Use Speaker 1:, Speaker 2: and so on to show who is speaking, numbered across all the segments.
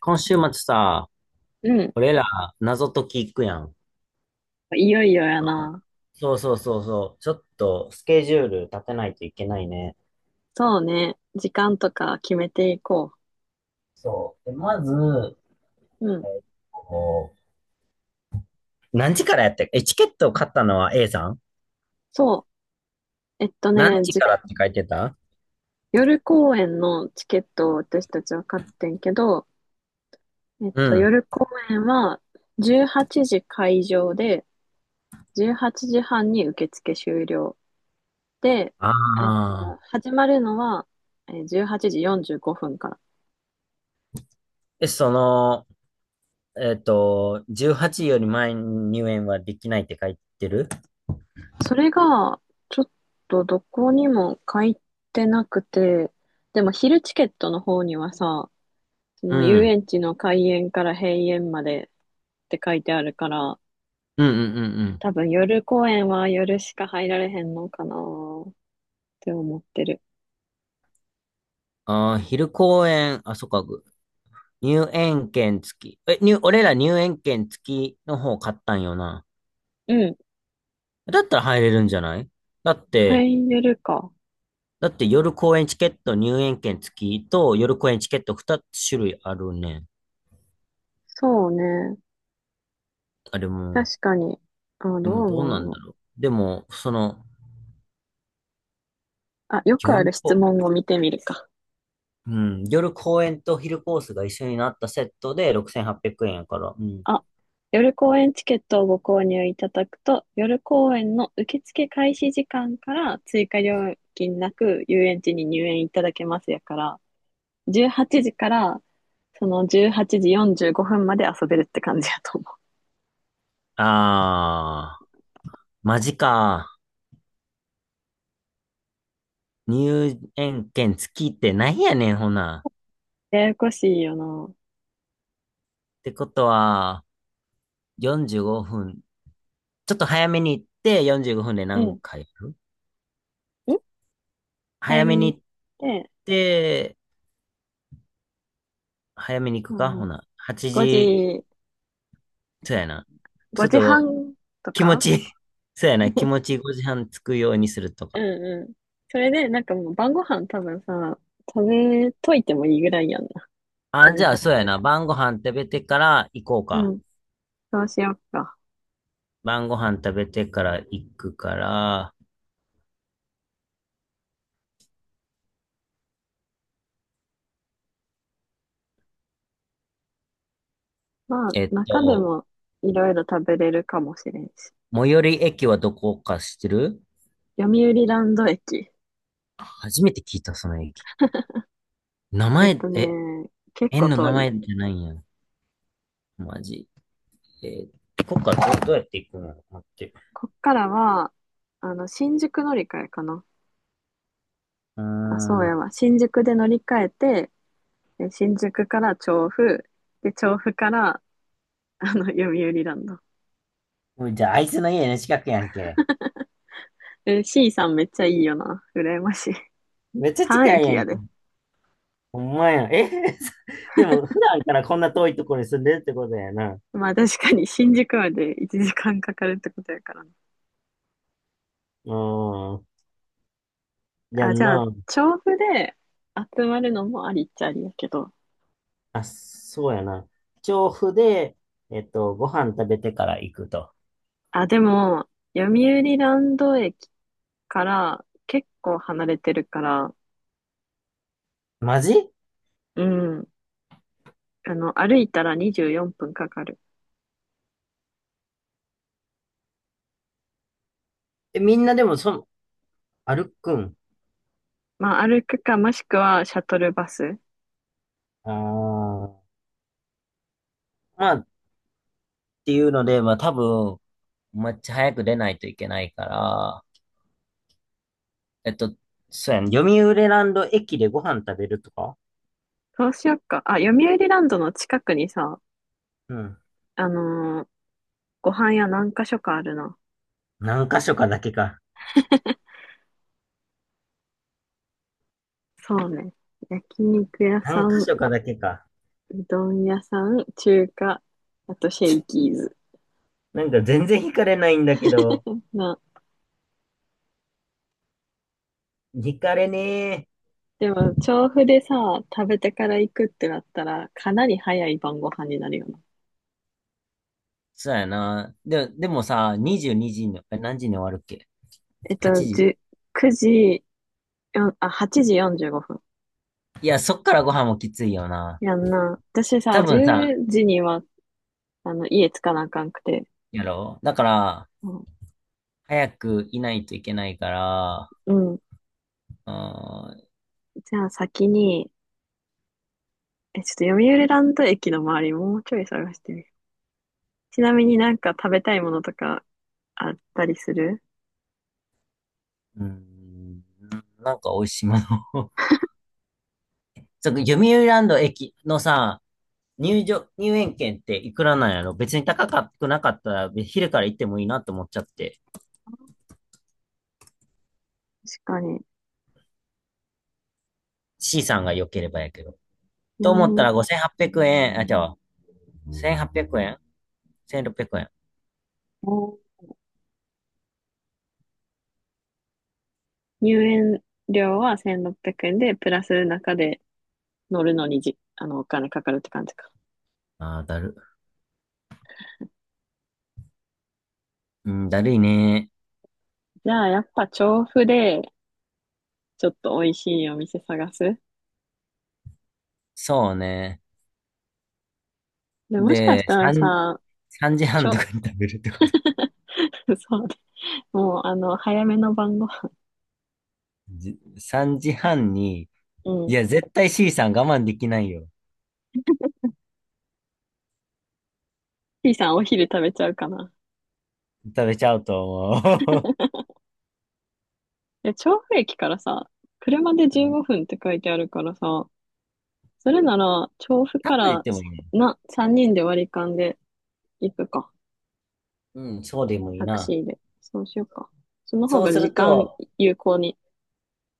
Speaker 1: 今週末さ、
Speaker 2: うん。
Speaker 1: 俺ら謎解き行くやん。
Speaker 2: いよいよやな。
Speaker 1: そうそうそうそう。ちょっとスケジュール立てないといけないね。
Speaker 2: そうね。時間とか決めていこ
Speaker 1: そう。で、まず、
Speaker 2: う。う
Speaker 1: え
Speaker 2: ん。
Speaker 1: っと、何時からやって、チケットを買ったのは A さん、
Speaker 2: そう。
Speaker 1: 何時からって書いてた？
Speaker 2: 夜公演のチケットを私たちは買ってんけど、
Speaker 1: うん。
Speaker 2: 夜公演は18時会場で、18時半に受付終了。で、
Speaker 1: あ
Speaker 2: えっと、
Speaker 1: あ。
Speaker 2: 始まるのは18時45分から。
Speaker 1: え、その、えっと、18より前に入園はできないって書いてる？
Speaker 2: それが、ちょっとどこにも書いてなくて、でも昼チケットの方にはさ、そ
Speaker 1: う
Speaker 2: の遊
Speaker 1: ん。
Speaker 2: 園地の開園から閉園までって書いてあるから、
Speaker 1: うんうんうんうん。
Speaker 2: 多分夜公園は夜しか入られへんのかなーって思ってる。
Speaker 1: ああ、昼公演、あ、そっか。入園券付き。俺ら入園券付きの方買ったんよな。
Speaker 2: うん。
Speaker 1: だったら入れるんじゃない？だって、
Speaker 2: 入れるか。
Speaker 1: だって夜公演チケット入園券付きと夜公演チケット2つ種類あるね。
Speaker 2: そうね。
Speaker 1: あれも、
Speaker 2: 確かに。あ、
Speaker 1: で
Speaker 2: どう
Speaker 1: もどう
Speaker 2: 思う
Speaker 1: なんだ
Speaker 2: の？
Speaker 1: ろう。でも、
Speaker 2: あ、よくあ
Speaker 1: 夜
Speaker 2: る質
Speaker 1: こ、
Speaker 2: 問を見てみるか。
Speaker 1: うん、夜公演と昼コースが一緒になったセットで6800円やから。うん。
Speaker 2: あ、夜公演チケットをご購入いただくと、夜公演の受付開始時間から追加料金なく遊園地に入園いただけますやから、18時から、その18時45分まで遊べるって感じやと思
Speaker 1: あー、マジか。入園券付きってなんやねん、ほな。
Speaker 2: う。ややこしいよな。
Speaker 1: ってことは、45分。ちょっと早めに行って45分で
Speaker 2: うん。
Speaker 1: 何回やる？
Speaker 2: 早
Speaker 1: 早
Speaker 2: め
Speaker 1: め
Speaker 2: に
Speaker 1: に
Speaker 2: 行っ
Speaker 1: 行っ
Speaker 2: て、
Speaker 1: て、早めに行
Speaker 2: そ
Speaker 1: く
Speaker 2: う
Speaker 1: かほ
Speaker 2: ね。
Speaker 1: な。8
Speaker 2: 5
Speaker 1: 時、
Speaker 2: 時、
Speaker 1: そうやな。ちょっ
Speaker 2: 5時
Speaker 1: と
Speaker 2: 半と
Speaker 1: 気持
Speaker 2: か。
Speaker 1: ち、そうやな。気持ち5時半着くようにすると
Speaker 2: う
Speaker 1: か。
Speaker 2: んうん。それで、なんかもう晩ご飯多分さ、食べといてもいいぐらいやんな。そ
Speaker 1: あ、じ
Speaker 2: れ
Speaker 1: ゃ
Speaker 2: な
Speaker 1: あそう
Speaker 2: ら。
Speaker 1: やな。晩ご飯食べてから行こう
Speaker 2: う
Speaker 1: か。
Speaker 2: ん。そうしよっか。
Speaker 1: 晩ご飯食べてから行くから、
Speaker 2: まあ、
Speaker 1: えっ
Speaker 2: 中で
Speaker 1: と、
Speaker 2: もいろいろ食べれるかもしれんし。
Speaker 1: 最寄り駅はどこか知ってる？
Speaker 2: 読売ランド駅。
Speaker 1: 初めて聞いた、その駅。名
Speaker 2: えっと
Speaker 1: 前、
Speaker 2: ね、結
Speaker 1: 園
Speaker 2: 構
Speaker 1: の
Speaker 2: 遠
Speaker 1: 名
Speaker 2: い。
Speaker 1: 前じゃないんや。マジ？えこっからうやって行くの？待って。
Speaker 2: こっからは、新宿乗り換えかな。
Speaker 1: うー
Speaker 2: あ、そうや
Speaker 1: ん。
Speaker 2: わ。新宿で乗り換えて、新宿から調布、で、調布から、読売ランド。
Speaker 1: もうじゃあ、あいつの家の近くやんけ。
Speaker 2: え、C さんめっちゃいいよな。羨ましい。
Speaker 1: めっちゃ近い
Speaker 2: 3駅
Speaker 1: やん
Speaker 2: や
Speaker 1: け。
Speaker 2: で。
Speaker 1: ほんまやん。でも、普段からこんな遠いところに住んでるってことやな。う
Speaker 2: まあ確かに新宿まで1時間かかるってことやからな。
Speaker 1: ーん。や
Speaker 2: あ、
Speaker 1: ん
Speaker 2: じゃあ、
Speaker 1: な。
Speaker 2: 調布で集まるのもありっちゃありやけど。
Speaker 1: あ、そうやな。調布で、ご飯食べてから行くと。
Speaker 2: あ、でも、読売ランド駅から結構離れてるから、
Speaker 1: マジ？
Speaker 2: うん。歩いたら24分かかる。
Speaker 1: みんなでも、歩くん？
Speaker 2: まあ、歩くか、もしくはシャトルバス。
Speaker 1: ああ。まあ、っていうので、まあ多分、めっちゃ早く出ないといけないから、えっと、そうやん、読売ランド駅でご飯食べるとか？
Speaker 2: そうしよっか。あ、読売ランドの近くにさ、
Speaker 1: うん。
Speaker 2: あのーご飯屋何か所かあるな。
Speaker 1: 何箇所かだけか。
Speaker 2: そうね。焼肉屋さ
Speaker 1: 何
Speaker 2: ん、
Speaker 1: 箇
Speaker 2: う
Speaker 1: 所かだけか。
Speaker 2: どん屋さん、中華、あとシェイキーズ。
Speaker 1: なんか全然惹かれないんだけど、
Speaker 2: な、
Speaker 1: 惹かれねえ。
Speaker 2: でも、調布でさ、食べてから行くってなったら、かなり早い晩ご飯になるよな。
Speaker 1: そうやな。で、でもさ、22時にじに、え何時に終わるっけ？
Speaker 2: えっと、
Speaker 1: 8 時？
Speaker 2: じゅ9時、よんあ、8時45分。
Speaker 1: いや、そっからご飯もきついよな。
Speaker 2: やんな。私
Speaker 1: 多
Speaker 2: さ、10
Speaker 1: 分さ、
Speaker 2: 時には家着かなあかんくて。
Speaker 1: やろだから、
Speaker 2: うん。
Speaker 1: 早くいないといけないから、
Speaker 2: うん。
Speaker 1: あー
Speaker 2: じゃあ先に、ちょっと読売ランド駅の周りもうちょい探してみる。ちなみになんか食べたいものとかあったりする？
Speaker 1: うーん、なんか美味しいものを。そう、読売ランド駅のさ、入園券っていくらなんやろ？別に高くなかったら、昼から行ってもいいなと思っちゃって。
Speaker 2: 確かに。
Speaker 1: C さんが良ければやけど。と
Speaker 2: 読
Speaker 1: 思った
Speaker 2: 売、
Speaker 1: ら5800円、あ、じゃあ、1800円？ 1600 円。
Speaker 2: 入園料は1600円で、プラス中で乗るのにじ、あの、お金かかるって感じか。
Speaker 1: あー、だる。うん、だるいね。
Speaker 2: じゃあやっぱ調布で、ちょっと美味しいお店探す。
Speaker 1: そうね。
Speaker 2: で、もしかし
Speaker 1: で、
Speaker 2: たらさ、
Speaker 1: 3時
Speaker 2: ち
Speaker 1: 半と
Speaker 2: ょ、
Speaker 1: かに食べるってこと？
Speaker 2: そうね。もう早めの晩ご飯。
Speaker 1: じ3時半に、
Speaker 2: う
Speaker 1: い
Speaker 2: ん。
Speaker 1: や、絶対 C さん我慢できないよ。
Speaker 2: T さんお昼食べちゃうかな。
Speaker 1: 食べちゃうと思う。
Speaker 2: いや、調布駅からさ、車で15 分って書いてあるからさ、それなら、調布
Speaker 1: タッ
Speaker 2: か
Speaker 1: プで言っ
Speaker 2: ら
Speaker 1: ても
Speaker 2: さ
Speaker 1: いいね。
Speaker 2: 3人で割り勘で行くか。
Speaker 1: うん、そうでもいい
Speaker 2: タク
Speaker 1: な。
Speaker 2: シーで。そうしようか。その方
Speaker 1: そう
Speaker 2: が
Speaker 1: す
Speaker 2: 時
Speaker 1: る
Speaker 2: 間
Speaker 1: と、
Speaker 2: 有効に。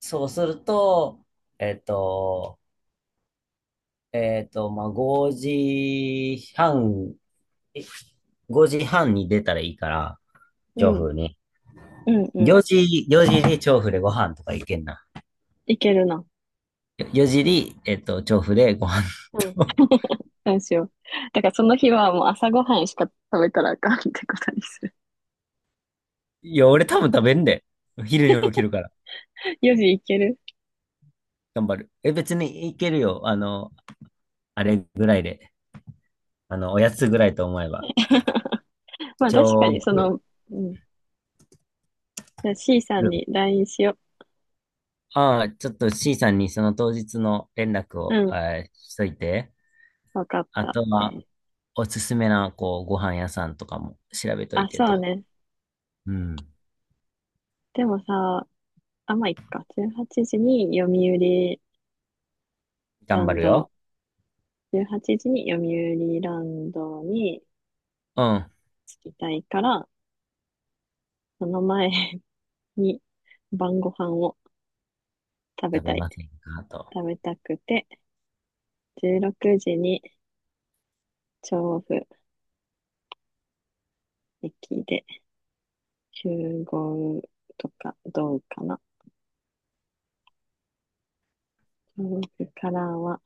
Speaker 1: そうすると、えっと、えっと、まあ、5時半、5時半に出たらいいから、
Speaker 2: う
Speaker 1: 調
Speaker 2: ん、
Speaker 1: 布に。
Speaker 2: うん、う
Speaker 1: 4
Speaker 2: ん。
Speaker 1: 時、4時に調布でご飯とか行けんな。
Speaker 2: 行けるな。
Speaker 1: 4時に、調布でご飯
Speaker 2: うん。
Speaker 1: と。
Speaker 2: そうしよう。だからその日はもう朝ごはんしか食べたらあかんってことにする。
Speaker 1: いや、俺多分食べんで。昼に起きるから。
Speaker 2: 4時行ける。
Speaker 1: 頑張る。別に行けるよ。あれぐらいで。おやつぐらいと思えば。
Speaker 2: まあ確か
Speaker 1: 調
Speaker 2: にそ
Speaker 1: 布。
Speaker 2: の、うん。じゃあ C さんに LINE しよ
Speaker 1: ああ、ちょっと C さんにその当日の連絡
Speaker 2: う。
Speaker 1: を、
Speaker 2: うん。
Speaker 1: しといて。
Speaker 2: わかっ
Speaker 1: あ
Speaker 2: た。
Speaker 1: とは、おすすめな、ご飯屋さんとかも調べとい
Speaker 2: あ、
Speaker 1: て
Speaker 2: そう
Speaker 1: と。
Speaker 2: ね。
Speaker 1: うん。
Speaker 2: でもさ、あ、まあ、いっか。ラ
Speaker 1: 頑張
Speaker 2: ン
Speaker 1: る
Speaker 2: ド、
Speaker 1: よ。
Speaker 2: 18時に読売ランドに
Speaker 1: うん。
Speaker 2: 着きたいから、その前に晩ご飯を食べ
Speaker 1: 食
Speaker 2: た
Speaker 1: べ
Speaker 2: い。
Speaker 1: ませんかと。
Speaker 2: 食べたくて、16時に調布駅で集合とかどうかな。調布からは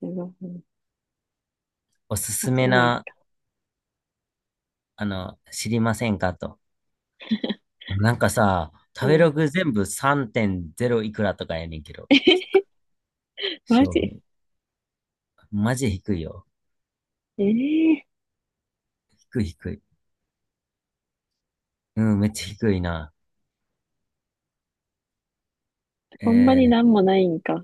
Speaker 2: 15分。
Speaker 1: おす
Speaker 2: あ、
Speaker 1: す
Speaker 2: そ
Speaker 1: め
Speaker 2: れはいいか。
Speaker 1: な、知りませんかと。なんかさ、
Speaker 2: う
Speaker 1: 食べ
Speaker 2: ん。
Speaker 1: ログ全部3.0いくらとかやねんけど。
Speaker 2: マ
Speaker 1: そ
Speaker 2: ジ？
Speaker 1: う。マジ低いよ。
Speaker 2: ええ
Speaker 1: 低い低い。うん、めっちゃ低いな。
Speaker 2: ー、
Speaker 1: え
Speaker 2: ほんまに
Speaker 1: ー、
Speaker 2: なんもないんか。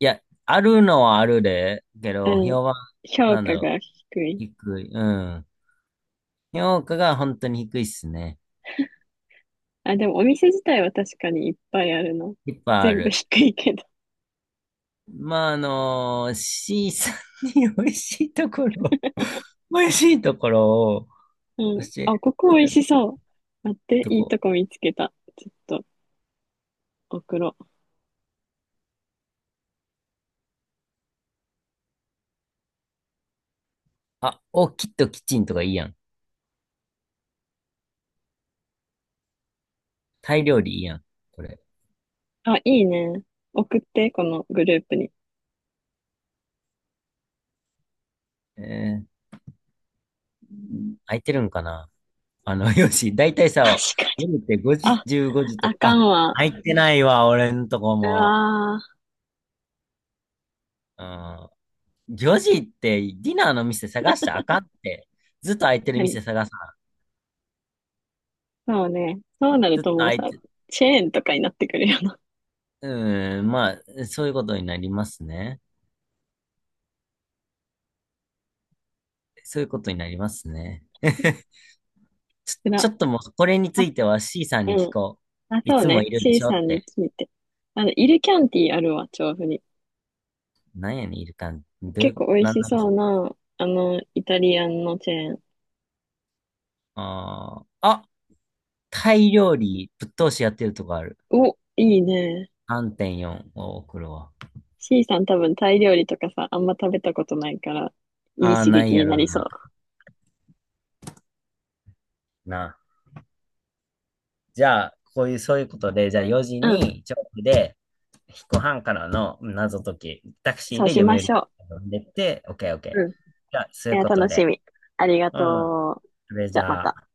Speaker 1: いや、あるのはあるで、け
Speaker 2: う
Speaker 1: ど、
Speaker 2: ん。
Speaker 1: 評判、
Speaker 2: 評
Speaker 1: なんだ
Speaker 2: 価
Speaker 1: ろう。
Speaker 2: が低い。
Speaker 1: 低い。うん。評価が本当に低いっすね。
Speaker 2: あ、でもお店自体は確かにいっぱいあるの。
Speaker 1: いっぱいあ
Speaker 2: 全部
Speaker 1: る。
Speaker 2: 低いけど。
Speaker 1: まあ、C さんに美味しいところ、美味しいところを
Speaker 2: うん。
Speaker 1: 教えて
Speaker 2: あ、ここ美味
Speaker 1: や
Speaker 2: し
Speaker 1: る
Speaker 2: そう。待って、
Speaker 1: と
Speaker 2: いい
Speaker 1: こ。
Speaker 2: とこ見つけた。ちょっと送ろう。
Speaker 1: あ、きっとキッチンとかいいやん。タイ料理いいやん。これ。
Speaker 2: あ、いいね。送って、このグループに。
Speaker 1: えー、
Speaker 2: うん。
Speaker 1: 空いてるんかな？よし、だいたい
Speaker 2: 確
Speaker 1: さ、
Speaker 2: かに。
Speaker 1: 夜って5時、
Speaker 2: あ、
Speaker 1: 15時と
Speaker 2: あ
Speaker 1: か、
Speaker 2: か
Speaker 1: あ、
Speaker 2: んわ。
Speaker 1: 空いてないわ、俺んとこ
Speaker 2: う
Speaker 1: も。
Speaker 2: わー。
Speaker 1: うん。4時ってディナーの店探したらあかんって。ずっと空いてる店
Speaker 2: 何？
Speaker 1: 探さん？
Speaker 2: そうね。そうなる
Speaker 1: ずっと
Speaker 2: ともう
Speaker 1: 空い
Speaker 2: さ、
Speaker 1: て、
Speaker 2: チェーンとかになってくるよな。
Speaker 1: うん、まあ、そういうことになりますね。そういうことになりますね。
Speaker 2: つら。
Speaker 1: ちょっともう、これにつ
Speaker 2: あ、
Speaker 1: いては C さん
Speaker 2: う
Speaker 1: に聞
Speaker 2: ん。
Speaker 1: こ
Speaker 2: あ、
Speaker 1: う。い
Speaker 2: そう
Speaker 1: つも
Speaker 2: ね。
Speaker 1: いるで
Speaker 2: C
Speaker 1: しょ
Speaker 2: さ
Speaker 1: っ
Speaker 2: んに
Speaker 1: て。
Speaker 2: 聞いて。イルキャンティあるわ、調布に。
Speaker 1: なんやねん、いるかん。どうい
Speaker 2: 結
Speaker 1: う、
Speaker 2: 構美味
Speaker 1: なん
Speaker 2: し
Speaker 1: なんです
Speaker 2: そう
Speaker 1: か？
Speaker 2: な、イタリアンのチェーン。
Speaker 1: あーあ、タイ料理、ぶっ通しやってるとこある。
Speaker 2: お、いいね。
Speaker 1: 3.4を送るわ。
Speaker 2: C さん多分タイ料理とかさ、あんま食べたことないから、いい
Speaker 1: ああ、
Speaker 2: 刺
Speaker 1: な
Speaker 2: 激
Speaker 1: い
Speaker 2: に
Speaker 1: や
Speaker 2: な
Speaker 1: ろ
Speaker 2: りそ
Speaker 1: な。
Speaker 2: う。
Speaker 1: な。じゃあ、こういう、そういうことで、じゃあ4時
Speaker 2: うん、
Speaker 1: に、チョークで、彦半からの謎解き、タクシー
Speaker 2: そう
Speaker 1: で
Speaker 2: し
Speaker 1: 読
Speaker 2: まし
Speaker 1: 売
Speaker 2: ょ
Speaker 1: 読んでって、オッケーオッケ
Speaker 2: う。うん。
Speaker 1: ー。
Speaker 2: い
Speaker 1: じゃあ、そういう
Speaker 2: や、
Speaker 1: こと
Speaker 2: 楽し
Speaker 1: で。
Speaker 2: み。ありが
Speaker 1: うん。
Speaker 2: とう。
Speaker 1: それじ
Speaker 2: じゃあ、ま
Speaker 1: ゃ
Speaker 2: た。
Speaker 1: あ。